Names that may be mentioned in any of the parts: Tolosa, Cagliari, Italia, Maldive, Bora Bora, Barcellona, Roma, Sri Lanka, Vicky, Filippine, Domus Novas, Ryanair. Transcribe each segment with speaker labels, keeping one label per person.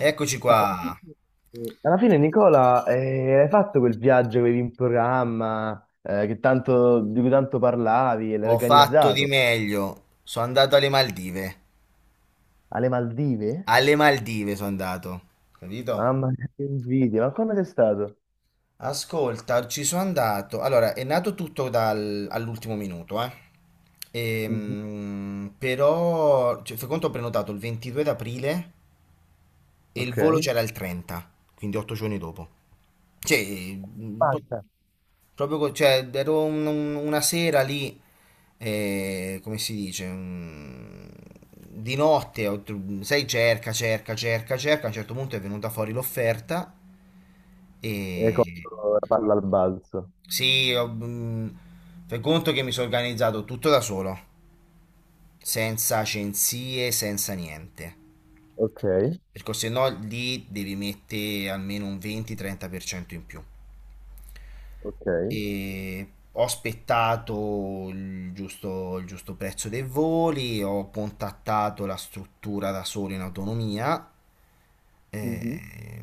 Speaker 1: Eccoci qua.
Speaker 2: Alla fine, Nicola, hai fatto quel viaggio che avevi in programma, di cui tanto parlavi e l'hai
Speaker 1: Ho fatto di
Speaker 2: organizzato
Speaker 1: meglio. Sono andato alle Maldive.
Speaker 2: alle Maldive?
Speaker 1: Alle Maldive sono andato. Capito?
Speaker 2: Mamma mia, che invidia, ma come sei stato?
Speaker 1: Ascolta, ci sono andato. Allora, è nato tutto all'ultimo minuto, eh.
Speaker 2: Mhm.
Speaker 1: Però, cioè, fai conto, ho prenotato il 22 d'aprile e il
Speaker 2: Ok.
Speaker 1: volo c'era il 30, quindi 8 giorni dopo. Cioè, mm, po-
Speaker 2: Fatta.
Speaker 1: Proprio, cioè, ero una sera lì, come si dice, di notte, sai, cerca, cerca, cerca, cerca, a un certo punto è venuta fuori l'offerta
Speaker 2: E hai
Speaker 1: e...
Speaker 2: colto la palla al balzo.
Speaker 1: Sì, fai conto che mi sono organizzato tutto da solo, senza agenzie, senza niente,
Speaker 2: Ok,
Speaker 1: perché se no lì devi mettere almeno un 20-30% in più.
Speaker 2: ok.
Speaker 1: E ho aspettato il giusto prezzo dei voli, ho contattato la struttura da solo in autonomia,
Speaker 2: Mhm.
Speaker 1: eh,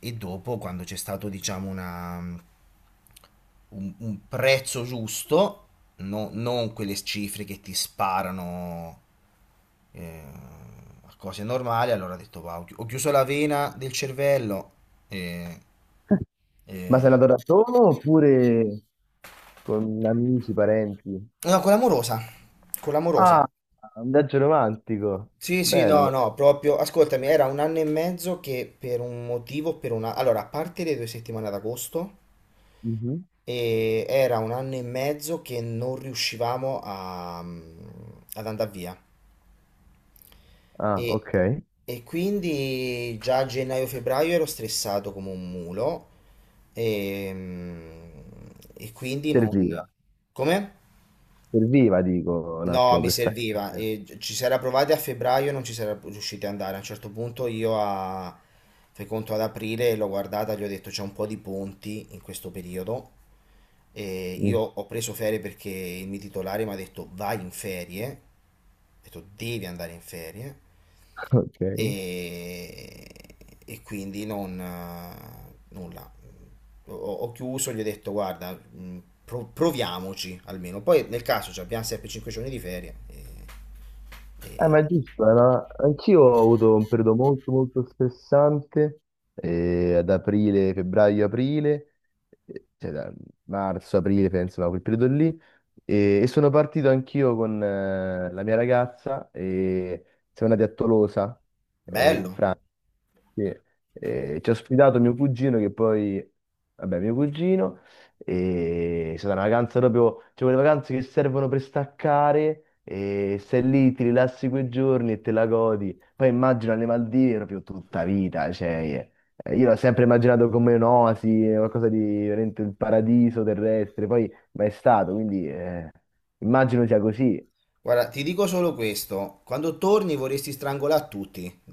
Speaker 1: e dopo quando c'è stato diciamo un prezzo giusto, non quelle cifre che ti sparano, eh, a cose normali, allora ho detto "Va, ho chiuso la vena del cervello e...
Speaker 2: Ma
Speaker 1: e".
Speaker 2: sei andato da solo oppure con amici, parenti?
Speaker 1: No, con l'amorosa, con l'amorosa.
Speaker 2: Ah, un viaggio romantico.
Speaker 1: Sì, sì, no,
Speaker 2: Bello.
Speaker 1: no, proprio, ascoltami, era un anno e mezzo che per un motivo, per una... Allora, a parte le 2 settimane ad agosto,
Speaker 2: Mhm.
Speaker 1: e era un anno e mezzo che non riuscivamo ad andare via.
Speaker 2: Ah,
Speaker 1: E,
Speaker 2: ok.
Speaker 1: e quindi già a gennaio-febbraio ero stressato come un mulo, e, e quindi non...
Speaker 2: Serviva.
Speaker 1: Come?
Speaker 2: Serviva, dico, un
Speaker 1: No,
Speaker 2: attimo
Speaker 1: mi
Speaker 2: per
Speaker 1: serviva.
Speaker 2: staccare.
Speaker 1: E ci si era provati a febbraio e non ci si era riusciti ad andare. A un certo punto io a... fai conto ad aprile l'ho guardata, gli ho detto c'è un po' di ponti in questo periodo. E io
Speaker 2: Mm.
Speaker 1: ho preso ferie perché il mio titolare mi ha detto vai in ferie. Ho detto devi andare in ferie
Speaker 2: Ok. Eh,
Speaker 1: e, e quindi non nulla. Ho chiuso, gli ho detto guarda, proviamoci almeno. Poi nel caso ci abbiamo sempre 5 giorni di ferie.
Speaker 2: ma è giusto, anch'io ho avuto un periodo molto molto stressante ad aprile, febbraio, aprile, cioè da marzo, aprile, penso, no, quel periodo lì. E sono partito anch'io con la mia ragazza e siamo andati a Tolosa, in
Speaker 1: Bello.
Speaker 2: Francia. Sì. Ci ha ospitato mio cugino che poi, vabbè, mio cugino. E è stata una vacanza proprio, cioè quelle vacanze che servono per staccare e stai lì, ti rilassi quei giorni e te la godi. Poi immagino alle Maldive proprio tutta vita, cioè io l'ho sempre immaginato come un'oasi, qualcosa di veramente il paradiso terrestre, poi mai stato, quindi immagino sia così.
Speaker 1: Guarda, ti dico solo questo, quando torni vorresti strangolare tutti.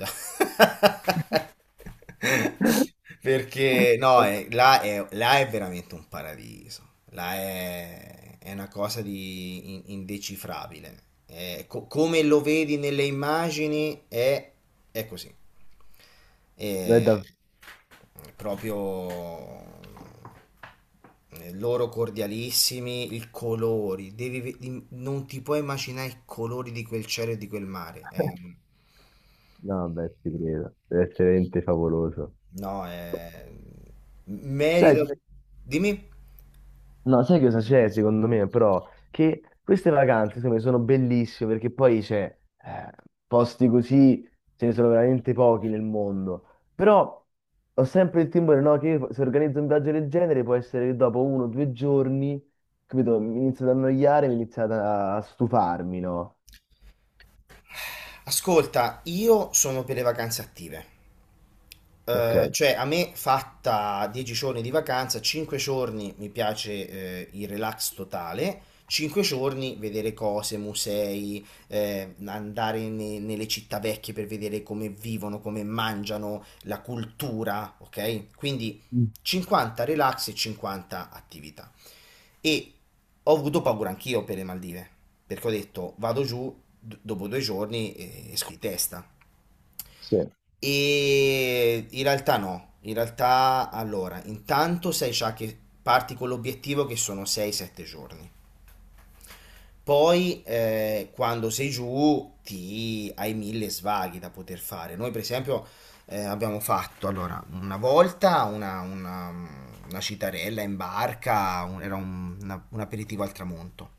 Speaker 1: Perché no, là, là è veramente un paradiso. Là è una cosa di indecifrabile. È come lo vedi nelle immagini è così.
Speaker 2: Non è
Speaker 1: È
Speaker 2: da-
Speaker 1: proprio, loro cordialissimi, i colori. Devi non ti puoi immaginare i colori di quel cielo e di quel mare.
Speaker 2: No, beh, ci credo, deve essere veramente favoloso.
Speaker 1: No, è...
Speaker 2: Sai.
Speaker 1: merito. Dimmi.
Speaker 2: No, sai cosa c'è secondo me, però? Che queste vacanze, secondo me, sono bellissime perché poi c'è eh, posti così, ce ne sono veramente pochi nel mondo. Però ho sempre il timore, no, che io, se organizzo un viaggio del genere può essere che dopo uno o due giorni, capito, mi inizio ad annoiare, a stufarmi, no?
Speaker 1: Ascolta, io sono per le vacanze attive.
Speaker 2: Ok.
Speaker 1: Cioè, a me fatta 10 giorni di vacanza, 5 giorni mi piace, il relax totale, 5 giorni vedere cose, musei, andare nelle città vecchie per vedere come vivono, come mangiano, la cultura, ok? Quindi
Speaker 2: Mm.
Speaker 1: 50 relax e 50 attività. E ho avuto paura anch'io per le Maldive, perché ho detto vado giù dopo 2 giorni e esco di testa.
Speaker 2: Sì,
Speaker 1: E in realtà no, in realtà allora, intanto sai già che parti con l'obiettivo che sono 6-7 giorni. Poi, quando sei giù ti hai mille svaghi da poter fare. Noi per esempio, abbiamo fatto allora una volta una citarella in barca, era un aperitivo al tramonto.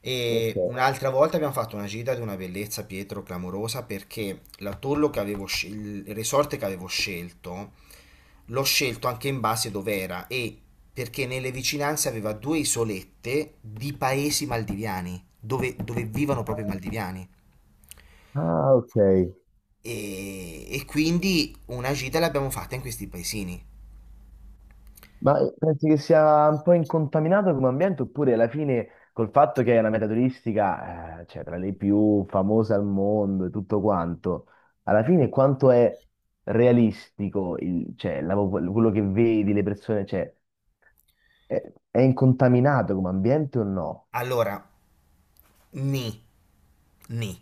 Speaker 1: E
Speaker 2: ok.
Speaker 1: un'altra volta abbiamo fatto una gita di una bellezza, Pietro, clamorosa, perché l'atollo che avevo il resort che avevo scelto, l'ho scelto anche in base dove era e perché nelle vicinanze aveva due isolette di paesi maldiviani, dove vivono proprio i maldiviani.
Speaker 2: Ah, ok.
Speaker 1: E quindi una gita l'abbiamo fatta in questi paesini.
Speaker 2: Ma pensi che sia un po' incontaminato come ambiente, oppure alla fine col fatto che è una meta turistica, cioè tra le più famose al mondo e tutto quanto, alla fine quanto è realistico cioè, quello che vedi, le persone, cioè, è incontaminato come ambiente o no?
Speaker 1: Allora, ni, ni.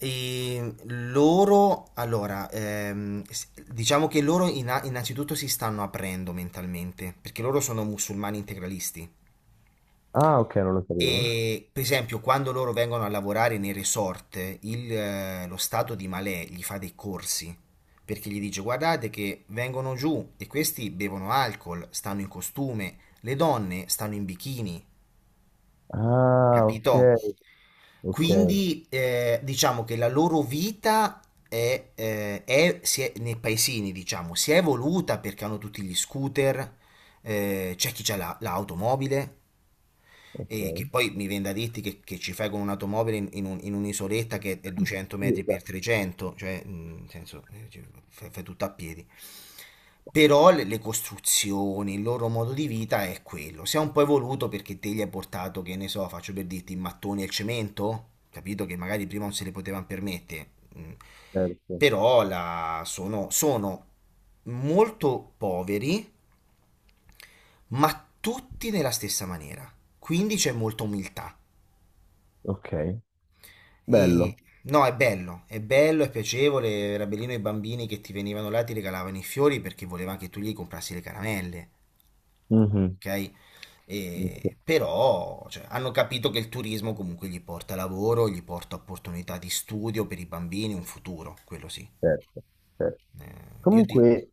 Speaker 1: E loro, allora, diciamo che loro innanzitutto si stanno aprendo mentalmente, perché loro sono musulmani integralisti.
Speaker 2: Ah, ok, non lo sapevo.
Speaker 1: E per esempio, quando loro vengono a lavorare nei resort, lo stato di Malè gli fa dei corsi, perché gli dice: "Guardate che vengono giù e questi bevono alcol, stanno in costume, le donne stanno in bikini".
Speaker 2: Ah, ok,
Speaker 1: Capito?
Speaker 2: ok,
Speaker 1: Quindi, diciamo che la loro vita nei paesini, diciamo, si è evoluta perché hanno tutti gli scooter, c'è chi ha l'automobile, e che
Speaker 2: ok.
Speaker 1: poi mi viene da dirti che ci fai con un'automobile in, in un'isoletta che è 200
Speaker 2: Sì,
Speaker 1: metri per
Speaker 2: esatto.
Speaker 1: 300, cioè, nel senso, fai tutto a piedi. Però le costruzioni, il loro modo di vita è quello. Si è un po' evoluto perché te gli hai portato, che ne so, faccio per dirti, i mattoni e il cemento, capito? Che magari prima non se li potevano permettere. Mm.
Speaker 2: Certo.
Speaker 1: Però sono molto poveri, ma tutti nella stessa maniera. Quindi c'è molta umiltà.
Speaker 2: Ok,
Speaker 1: E
Speaker 2: bello.
Speaker 1: no, è bello, è bello, è piacevole. Era bellino i bambini che ti venivano là e ti regalavano i fiori perché volevano che tu gli comprassi le caramelle.
Speaker 2: Mhm,
Speaker 1: Ok?
Speaker 2: ok.
Speaker 1: Però cioè, hanno capito che il turismo comunque gli porta lavoro, gli porta opportunità di studio per i bambini, un futuro, quello sì.
Speaker 2: Certo, certo.
Speaker 1: Io ti-
Speaker 2: Comunque,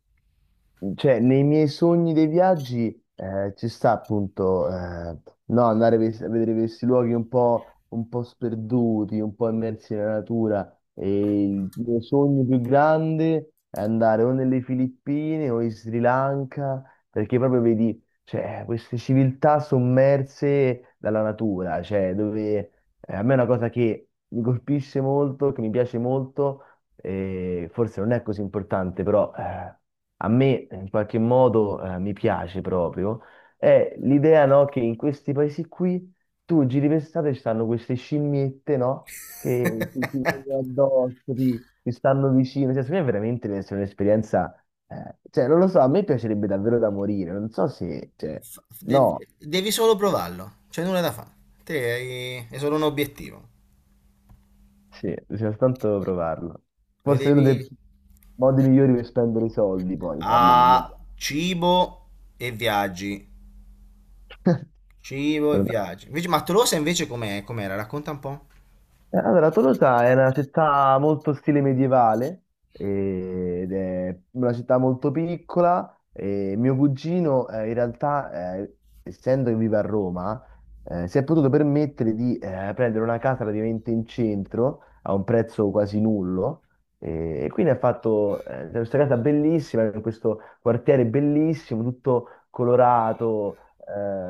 Speaker 2: cioè, nei miei sogni dei viaggi ci sta appunto no, a vedere questi luoghi un po' sperduti, un po' immersi nella natura. E il mio sogno più grande è andare o nelle Filippine o in Sri Lanka, perché proprio vedi, cioè, queste civiltà sommerse dalla natura, cioè, dove a me è una cosa che mi colpisce molto, che mi piace molto e forse non è così importante, però a me in qualche modo mi piace proprio, è l'idea, no, che in questi paesi qui tu giri per strada e ci stanno queste scimmiette, no, che ti vengono addosso, ti stanno vicino, cioè, secondo me veramente deve essere un'esperienza, cioè non lo so, a me piacerebbe davvero da morire, non so se, cioè,
Speaker 1: fa- devi,
Speaker 2: no,
Speaker 1: devi solo provarlo, c'è nulla da fare. Te è solo un obiettivo.
Speaker 2: sì, bisogna soltanto provarlo.
Speaker 1: Lo
Speaker 2: Forse è uno
Speaker 1: devi
Speaker 2: dei modi migliori per spendere i soldi, poi farlo un
Speaker 1: a
Speaker 2: viaggio.
Speaker 1: cibo e viaggi. Cibo e viaggi. Invece, ma Tolosa invece com'è? Com'era? Racconta un po'.
Speaker 2: Allora, Tolosa è una città molto stile medievale ed è una città molto piccola. E mio cugino, in realtà, essendo che vive a Roma, si è potuto permettere di prendere una casa praticamente in centro a un prezzo quasi nullo. E quindi ha fatto questa casa bellissima, in questo quartiere bellissimo, tutto colorato.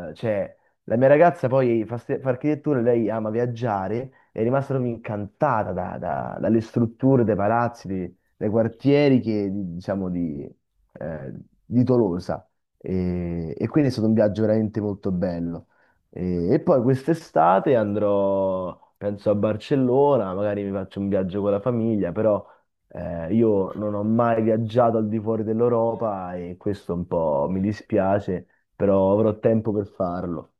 Speaker 2: Cioè, la mia ragazza poi fa architettura, lei ama viaggiare è rimasta proprio incantata dalle strutture dei palazzi, dei quartieri che, diciamo, eh, di Tolosa. E quindi è stato un viaggio veramente molto bello. E poi quest'estate andrò, penso, a Barcellona, magari mi faccio un viaggio con la famiglia, però io non ho mai viaggiato al di fuori dell'Europa e questo un po' mi dispiace, però avrò tempo per farlo.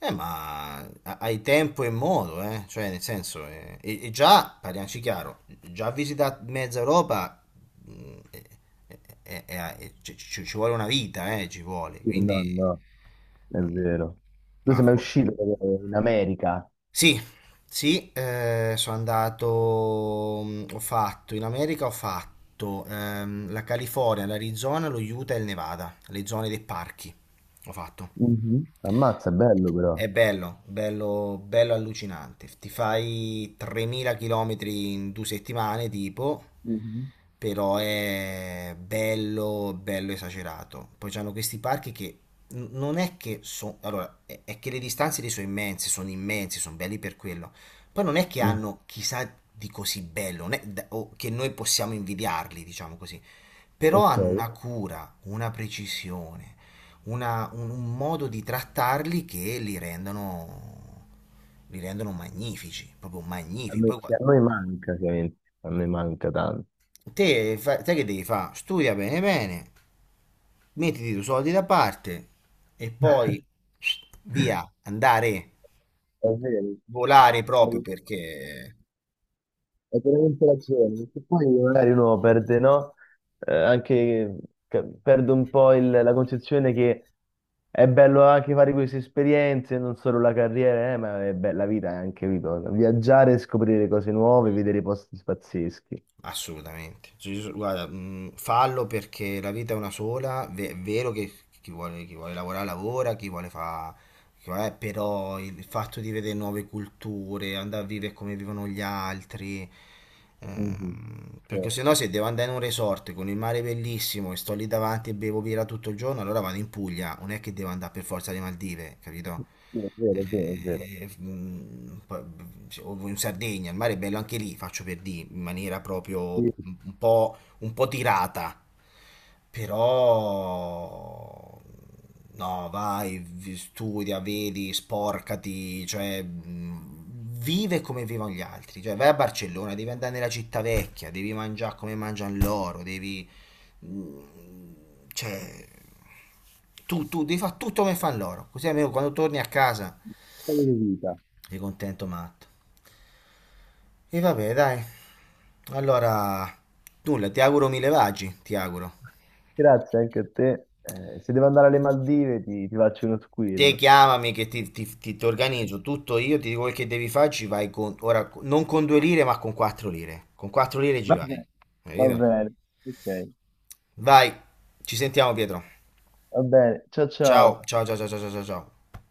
Speaker 1: Ma hai tempo e modo, eh? Cioè, nel senso, e già, parliamoci chiaro, già visitato mezza Europa, mh, eh, ci vuole una vita, ci vuole,
Speaker 2: Sì, no,
Speaker 1: quindi...
Speaker 2: no. È
Speaker 1: mm,
Speaker 2: vero. Tu
Speaker 1: Ma
Speaker 2: sei mai
Speaker 1: fo-
Speaker 2: uscito in America?
Speaker 1: sì, sì, sono andato, in America ho fatto la California, l'Arizona, lo Utah e il Nevada, le zone dei parchi, ho fatto.
Speaker 2: Mhm. Ammazza, è bello però.
Speaker 1: È bello, bello, bello allucinante. Ti fai 3000 km in 2 settimane, tipo,
Speaker 2: Mhm.
Speaker 1: però è bello, bello esagerato. Poi c'hanno questi parchi che non è che sono... Allora, è che le distanze lì sono immense, sono immensi, sono belli per quello. Poi non è che
Speaker 2: Mm.
Speaker 1: hanno chissà di così bello, non è o che noi possiamo invidiarli, diciamo così, però
Speaker 2: Ok.
Speaker 1: hanno una cura, una precisione, un modo di trattarli che li rendono magnifici, proprio
Speaker 2: A
Speaker 1: magnifici.
Speaker 2: noi,
Speaker 1: Poi,
Speaker 2: a noi manca, ovviamente. A noi manca tanto.
Speaker 1: te, sai che devi fare? Studia bene bene, mettiti i tuoi soldi da parte e poi via, andare,
Speaker 2: È vero.
Speaker 1: volare proprio perché...
Speaker 2: Hai veramente ragione, perché poi magari uno perde, no? Anche perde un po' la concezione che è bello anche fare queste esperienze, non solo la carriera, ma è bella vita anche, capito? Viaggiare, scoprire cose nuove, vedere posti pazzeschi.
Speaker 1: Assolutamente. Cioè, io guarda, fallo perché la vita è una sola, è vero che chi vuole lavorare lavora, chi vuole fare. Però il fatto di vedere nuove culture, andare a vivere come vivono gli altri,
Speaker 2: Mhm,
Speaker 1: perché se no
Speaker 2: certo.
Speaker 1: se devo andare in un resort con il mare bellissimo e sto lì davanti e bevo birra tutto il giorno, allora vado in Puglia, non è che devo andare per forza alle Maldive, capito?
Speaker 2: Sì, è vero, è vero, è vero.
Speaker 1: Poi, o in Sardegna, il mare è bello anche lì, faccio per dire, in maniera proprio
Speaker 2: Sì,
Speaker 1: un po' tirata, però no, vai, studia, vedi, sporcati, cioè vive come vivono gli altri, cioè vai a Barcellona, devi andare nella città vecchia, devi mangiare come mangiano loro, devi cioè tu devi fare tutto come fanno loro, così almeno quando torni a casa
Speaker 2: storia di vita.
Speaker 1: sei contento matto. E vabbè, dai. Allora, nulla, ti auguro mille vagi, ti auguro.
Speaker 2: Grazie anche a te. Se devo andare alle Maldive ti faccio uno
Speaker 1: Te
Speaker 2: squillo.
Speaker 1: chiamami che ti organizzo tutto io, ti dico quel che devi fare, ci vai con, ora, non con 2 lire, ma con 4 lire. Con quattro lire ci
Speaker 2: Va
Speaker 1: vai.
Speaker 2: bene, va
Speaker 1: Capito?
Speaker 2: bene. Ok,
Speaker 1: Vai, ci sentiamo, Pietro.
Speaker 2: va bene. Ciao
Speaker 1: Ciao,
Speaker 2: ciao.
Speaker 1: ciao, ciao, ciao, ciao, ciao, ciao. Ciao.